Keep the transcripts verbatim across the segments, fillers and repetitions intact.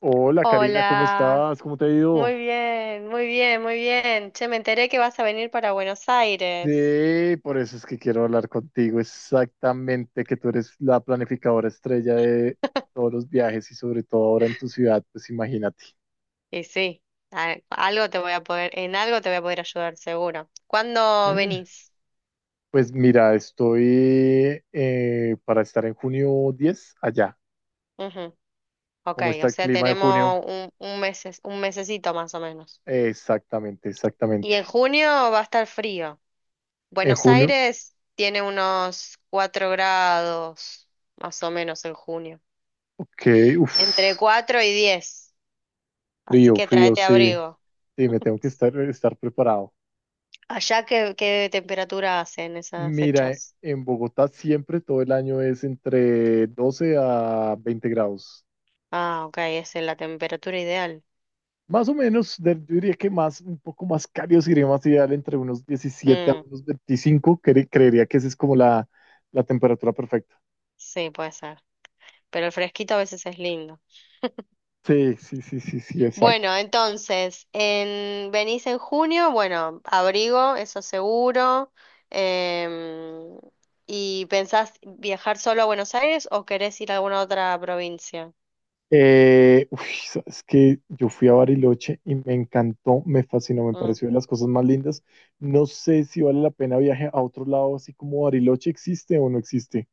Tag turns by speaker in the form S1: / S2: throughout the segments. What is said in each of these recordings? S1: Hola Karina, ¿cómo
S2: Hola,
S1: estás? ¿Cómo te ha ido?
S2: muy bien, muy bien, muy bien. Che, me enteré que vas a venir para Buenos Aires.
S1: Sí, por eso es que quiero hablar contigo exactamente, que tú eres la planificadora estrella de todos los viajes y sobre todo ahora en tu ciudad, pues imagínate.
S2: Y sí, a- algo te voy a poder, en algo te voy a poder ayudar, seguro. ¿Cuándo
S1: Eh,
S2: venís?
S1: pues mira, estoy eh, para estar en junio diez allá.
S2: Ujú. Ok,
S1: ¿Cómo está
S2: o
S1: el
S2: sea,
S1: clima en junio?
S2: tenemos un, un meses, un mesecito más o menos.
S1: Eh, exactamente,
S2: Y
S1: exactamente.
S2: en junio va a estar frío.
S1: En
S2: Buenos
S1: junio,
S2: Aires tiene unos cuatro grados, más o menos en junio.
S1: ok,
S2: Entre
S1: uff,
S2: cuatro y diez. Así
S1: frío,
S2: que
S1: frío,
S2: tráete
S1: sí,
S2: abrigo.
S1: sí, me tengo que estar, estar preparado.
S2: ¿Allá qué, qué temperatura hace en esas
S1: Mira, e-
S2: fechas?
S1: en Bogotá siempre todo el año es entre doce a veinte grados.
S2: Ah, ok, es la temperatura ideal.
S1: Más o menos, de- yo diría que más, un poco más cálido si sería más ideal entre unos diecisiete a
S2: Mm,
S1: unos veinticinco. cre- creería que esa es como la, la temperatura perfecta.
S2: sí, puede ser. Pero el fresquito a veces es lindo.
S1: Sí, sí, sí, sí, sí, exacto.
S2: Bueno, entonces, en, venís en junio, bueno, abrigo, eso seguro. em, ¿Y pensás viajar solo a Buenos Aires o querés ir a alguna otra provincia?
S1: Eh, uy, sabes que yo fui a Bariloche y me encantó, me fascinó, me
S2: Mm.
S1: pareció de las cosas más lindas. No sé si vale la pena viaje a otro lado, así como Bariloche existe o no existe.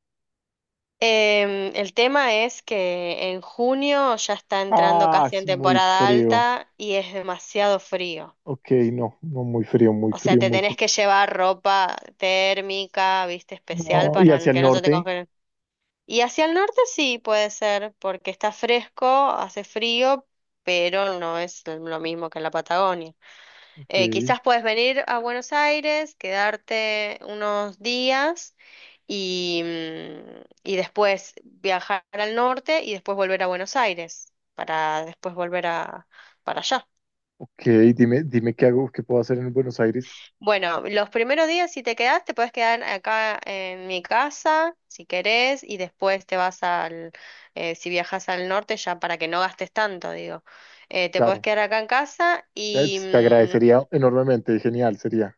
S2: Em, el tema es que en junio ya está entrando
S1: Ah,
S2: casi
S1: es
S2: en
S1: muy
S2: temporada
S1: frío.
S2: alta y es demasiado frío.
S1: Ok, no, no, muy frío, muy
S2: O sea,
S1: frío,
S2: te
S1: muy
S2: tenés
S1: frío.
S2: que llevar ropa térmica, viste, especial
S1: No, y
S2: para
S1: hacia el
S2: que no se te
S1: norte.
S2: congelen. Y hacia el norte sí puede ser, porque está fresco, hace frío, pero no es lo mismo que en la Patagonia.
S1: Ok,
S2: Eh, quizás puedes venir a Buenos Aires, quedarte unos días y, mm, y después viajar al norte y después volver a Buenos Aires para después volver a, para allá.
S1: ok, dime, dime qué hago, qué puedo hacer en Buenos Aires.
S2: Bueno, los primeros días si te quedás, te puedes quedar acá en mi casa, si querés, y después te vas al, eh, Si viajas al norte, ya para que no gastes tanto, digo, eh, te puedes
S1: Claro,
S2: quedar acá en casa
S1: te,
S2: y
S1: te
S2: mm,
S1: agradecería enormemente, genial sería.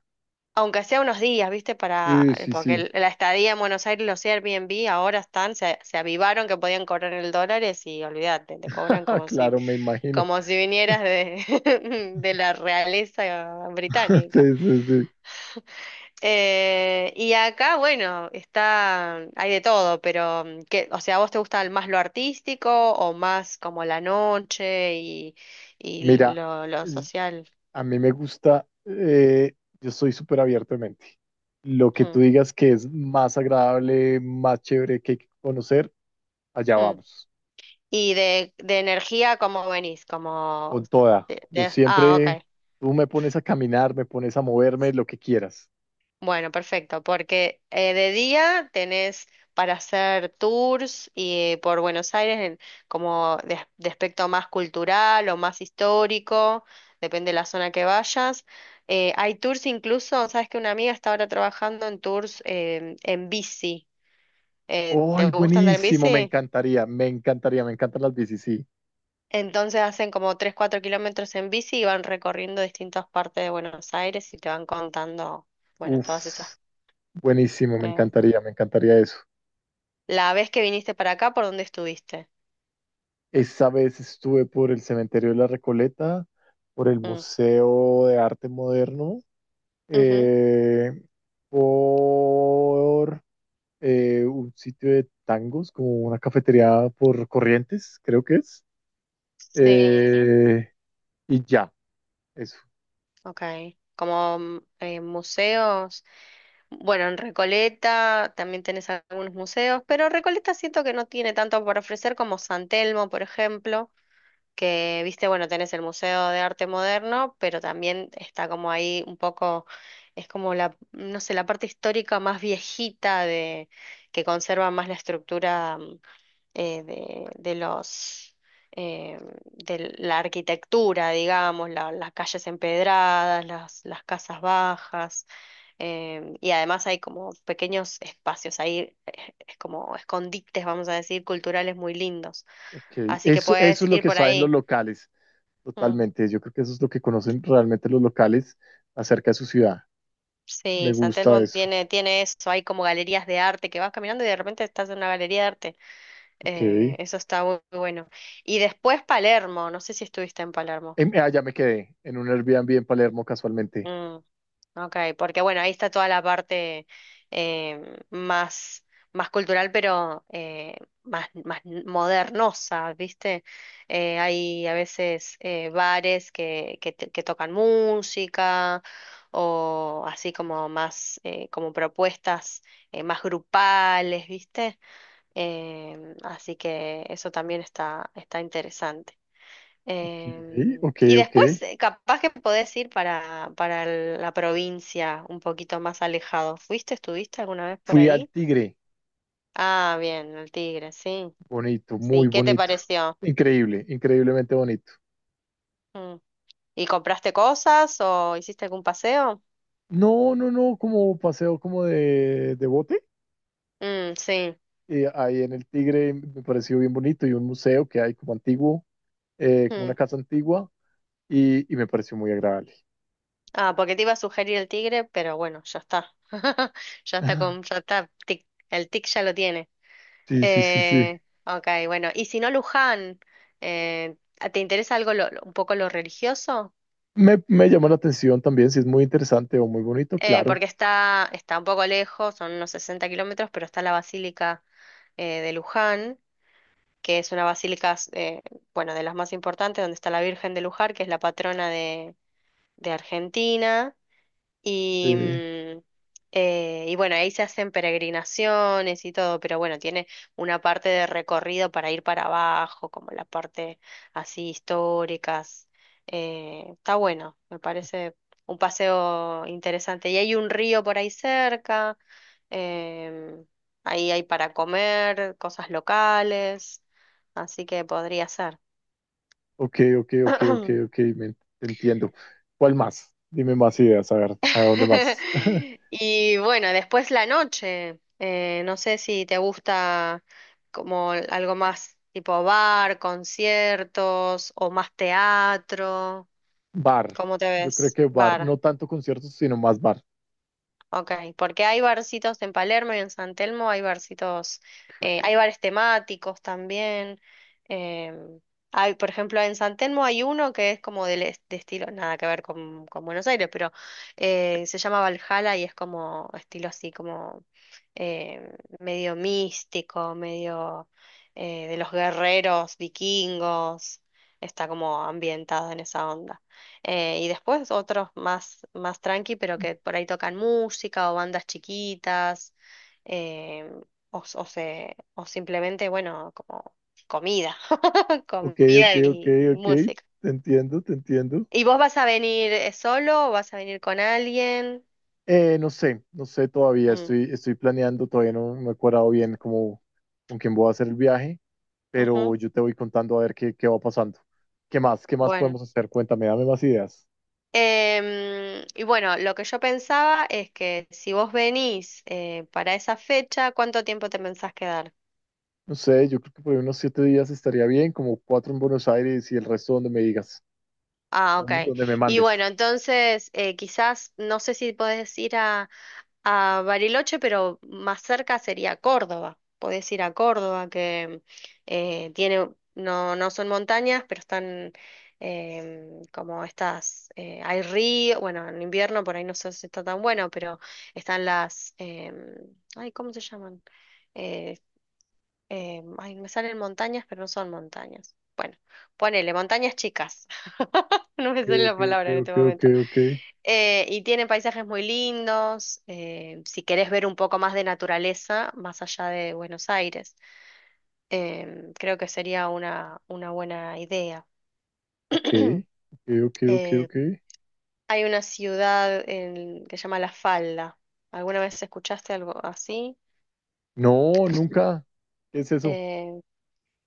S2: aunque sea unos días, ¿viste? Para,
S1: Sí,
S2: eh,
S1: sí,
S2: porque
S1: sí.
S2: el- la estadía en Buenos Aires, los Airbnb ahora están, se, se avivaron que podían cobrar el dólares y olvídate, te cobran como si,
S1: Claro, me imagino.
S2: como si vinieras de, de la realeza británica.
S1: Sí, sí, sí.
S2: Eh, y acá, bueno, está, hay de todo, pero mm, que, o sea, ¿a vos te gusta más lo artístico o más como la noche y, y
S1: Mira,
S2: lo, lo
S1: es-
S2: social?
S1: a mí me gusta, eh, yo soy súper abierto de mente. Lo que
S2: Hmm,
S1: tú digas que es más agradable, más chévere que hay que conocer, allá
S2: hmm.
S1: vamos.
S2: Y de, de energía, ¿cómo venís? Como
S1: Con toda.
S2: de-
S1: Yo
S2: de- ah,
S1: siempre,
S2: ok.
S1: tú me pones a caminar, me pones a moverme, lo que quieras.
S2: Bueno, perfecto, porque eh, de día tenés para hacer tours y por Buenos Aires en- como de, de aspecto más cultural o más histórico, depende de la zona que vayas. Eh, hay tours incluso, sabes que una amiga está ahora trabajando en tours em, en bici. En- ¿te
S1: ¡Ay,
S2: gusta andar en
S1: buenísimo! Me
S2: bici?
S1: encantaría, me encantaría, me encantan las bicis, sí.
S2: Entonces hacen como tres, cuatro kilómetros en bici y van recorriendo distintas partes de Buenos Aires y te van contando, bueno, todas esas
S1: Uf, buenísimo, me
S2: eh,
S1: encantaría, me encantaría eso.
S2: la vez que viniste para acá, ¿por dónde estuviste?
S1: Esa vez estuve por el Cementerio de la Recoleta, por el
S2: Mm,
S1: Museo de Arte Moderno,
S2: ujú.
S1: eh, por eh, un sitio de tangos, como una cafetería por Corrientes, creo que es.
S2: Sí,
S1: Eh, y ya, eso.
S2: ok. Como mm, eh, museos, bueno, en Recoleta también tenés algunos museos, pero Recoleta siento que no tiene tanto por ofrecer como San Telmo, por ejemplo, que viste, bueno, tenés el Museo de Arte Moderno, pero también está como ahí un poco, es como la, no sé, la parte histórica más viejita de, que conserva más la estructura mm, eh, de, de los eh, de la arquitectura, digamos, la- las calles empedradas, las, las casas bajas, em, y además hay como pequeños espacios ahí, eh, es como escondites, vamos a decir, culturales muy lindos.
S1: Ok,
S2: Así que
S1: eso, eso
S2: puedes
S1: es lo
S2: ir
S1: que
S2: por
S1: saben los
S2: ahí.
S1: locales,
S2: Mm.
S1: totalmente. Yo creo que eso es lo que conocen realmente los locales acerca de su ciudad. Me
S2: Sí, San
S1: gusta
S2: Telmo
S1: eso.
S2: tiene, tiene eso, hay como galerías de arte que vas caminando y de repente estás en una galería de arte.
S1: Ok.
S2: Eh, eso está muy bueno. Y después Palermo, no sé si estuviste en Palermo.
S1: Em, ah, ya me quedé en un Airbnb en Palermo casualmente.
S2: Mm, ok, porque bueno, ahí está toda la parte eh, más, más cultural, pero eh, más, más modernosa, ¿viste? Eh, hay a veces eh, bares que, que, te- que tocan música o así como más, eh, como propuestas eh, más grupales, ¿viste? Em, así que eso también está, está interesante.
S1: Ok,
S2: Em,
S1: ok,
S2: y
S1: ok.
S2: después, eh, capaz que podés ir para, para el- la provincia, un poquito más alejado. ¿Fuiste, estuviste alguna vez por
S1: Fui al
S2: ahí?
S1: Tigre.
S2: Ah, bien, el Tigre, sí.
S1: Bonito, muy
S2: Sí, ¿qué te
S1: bonito.
S2: pareció?
S1: Increíble, increíblemente bonito.
S2: Mm. ¿Y compraste cosas o hiciste algún paseo?
S1: No, no, no, como paseo como de, de bote.
S2: Mm, sí.
S1: Eh, ahí en el Tigre me pareció bien bonito y un museo que hay como antiguo, eh, como una
S2: Mm.
S1: casa antigua y, y me pareció muy agradable.
S2: Ah, porque te iba a sugerir el Tigre, pero bueno, ya está. Ya está
S1: Ah,
S2: con, ya está, tic, el tic ya lo tiene.
S1: sí, sí, sí, sí.
S2: Eh, ok, bueno, y si no Luján, eh, ¿te interesa algo lo- lo- un poco lo religioso?
S1: Me, me llama la atención también, si es muy interesante o muy bonito,
S2: Eh,
S1: claro.
S2: porque está, está un poco lejos, son unos sesenta kilómetros, pero está la Basílica eh, de Luján, que es una basílica, eh, bueno, de las más importantes, donde está la Virgen de Luján, que es la patrona de, de Argentina. Y,
S1: Eh,
S2: mm, eh, y bueno, ahí se hacen peregrinaciones y todo, pero bueno, tiene una parte de recorrido para ir para abajo, como la parte así históricas. Eh, está bueno, me parece un paseo interesante. Y hay un río por ahí cerca, em, ahí hay para comer, cosas locales, así que podría ser.
S1: ok, ok, ok, ok, ok, me, en- te entiendo. ¿Cuál más? Dime más ideas, a ver, ¿a dónde más?
S2: Y bueno, después la noche. Eh, no sé si te gusta como algo más tipo bar, conciertos o más teatro.
S1: Bar,
S2: ¿Cómo te
S1: yo creo
S2: ves?
S1: que bar,
S2: Bar.
S1: no tanto conciertos, sino más bar.
S2: Ok, porque hay barcitos en Palermo y en San Telmo, hay barcitos, eh, hay bares temáticos también. Em, hay, por ejemplo, en San Telmo hay uno que es como del es- de, estilo, nada que ver con, con Buenos Aires, pero eh, se llama Valhalla y es como estilo así, como em, medio místico, medio eh, de los guerreros vikingos, está como ambientado en esa onda. Eh, y después otros más, más tranqui, pero que por ahí tocan música o bandas chiquitas, eh, o, s- o se, o simplemente, bueno, como comida,
S1: Ok, ok,
S2: comida
S1: ok,
S2: y, y
S1: ok,
S2: música.
S1: te entiendo, te entiendo.
S2: ¿Y vos vas a venir eh, solo o vas a venir con alguien?
S1: Eh, no sé, no sé todavía,
S2: Mm,
S1: estoy, estoy planeando, todavía no me he cuadrado bien como con quién voy a hacer el viaje, pero
S2: ujú.
S1: yo te voy contando a ver qué, qué va pasando. ¿Qué más? ¿Qué más
S2: Bueno.
S1: podemos hacer? Cuéntame, dame más ideas.
S2: Em, y bueno, lo que yo pensaba es que si vos venís eh, para esa fecha, ¿cuánto tiempo te pensás quedar?
S1: No sé, yo creo que por ahí unos siete días estaría bien, como cuatro en Buenos Aires y el resto donde me digas,
S2: Ah, ok.
S1: donde donde me
S2: Y
S1: mandes.
S2: bueno, entonces eh, quizás, no sé si podés ir a, a Bariloche, pero más cerca sería Córdoba. Podés ir a Córdoba, que eh, tiene, no, no son montañas, pero están em, como estas, eh, hay río, bueno, en invierno por ahí no sé si está tan bueno, pero están las, em, ay, ¿cómo se llaman? Eh, eh, ay, me salen montañas, pero no son montañas. Bueno, ponele, montañas chicas. No me
S1: Ok,
S2: sale la
S1: ok,
S2: palabra en este
S1: ok, ok,
S2: momento.
S1: ok,
S2: Eh, y tiene paisajes muy lindos. Eh, si querés ver un poco más de naturaleza, más allá de Buenos Aires, eh, creo que sería una, una buena idea.
S1: ok, ok, ok, ok, ok,
S2: Eh,
S1: ok.
S2: Hay una ciudad en- que se llama La Falda. ¿Alguna vez escuchaste algo así?
S1: No, nunca. ¿Qué es eso?
S2: Eh,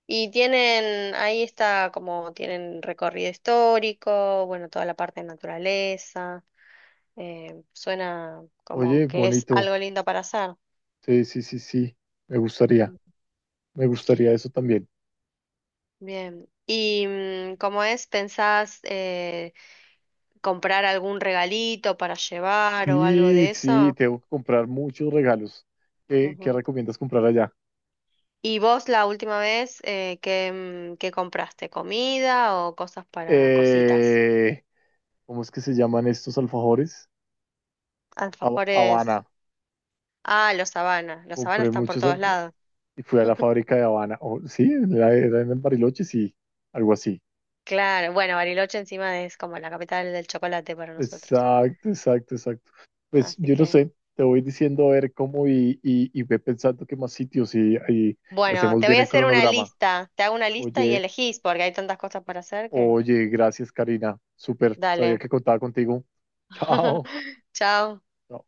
S2: Y tienen, ahí está como tienen recorrido histórico, bueno, toda la parte de naturaleza. Eh, suena como
S1: Oye,
S2: que es
S1: bonito.
S2: algo lindo para hacer.
S1: Sí, sí, sí, sí. Me gustaría,
S2: Mm.
S1: me gustaría eso también.
S2: Bien. ¿Y mm, cómo es? ¿Pensás eh, comprar algún regalito para llevar o algo
S1: Sí,
S2: de
S1: sí,
S2: eso?
S1: tengo que comprar muchos regalos. ¿Qué, qué
S2: Ujú.
S1: recomiendas comprar allá?
S2: ¿Y vos la última vez eh, qué, mm, qué compraste? ¿Comida o cosas para cositas?
S1: Eh, ¿Cómo es que se llaman estos alfajores? Ha-
S2: Alfajores.
S1: Habana.
S2: Ah, los sabanas. Los sabanas
S1: Compré
S2: están por
S1: muchos
S2: todos
S1: alfa-
S2: lados.
S1: y fui a la fábrica de Habana. Oh, sí, era, era en Bariloche, sí, algo así.
S2: Claro, bueno, Bariloche encima es como la capital del chocolate para nosotros.
S1: Exacto, exacto, exacto. Pues
S2: Así
S1: yo no
S2: que,
S1: sé, te voy diciendo a ver cómo y, y, y ve pensando qué más sitios y, y- y
S2: bueno,
S1: hacemos
S2: te voy
S1: bien
S2: a
S1: el
S2: hacer una
S1: cronograma.
S2: lista. Te hago una lista y
S1: Oye,
S2: elegís porque hay tantas cosas para hacer que...
S1: oye, gracias, Karina. Súper, sabía
S2: Dale.
S1: que contaba contigo. Chao.
S2: Chao.
S1: Chao.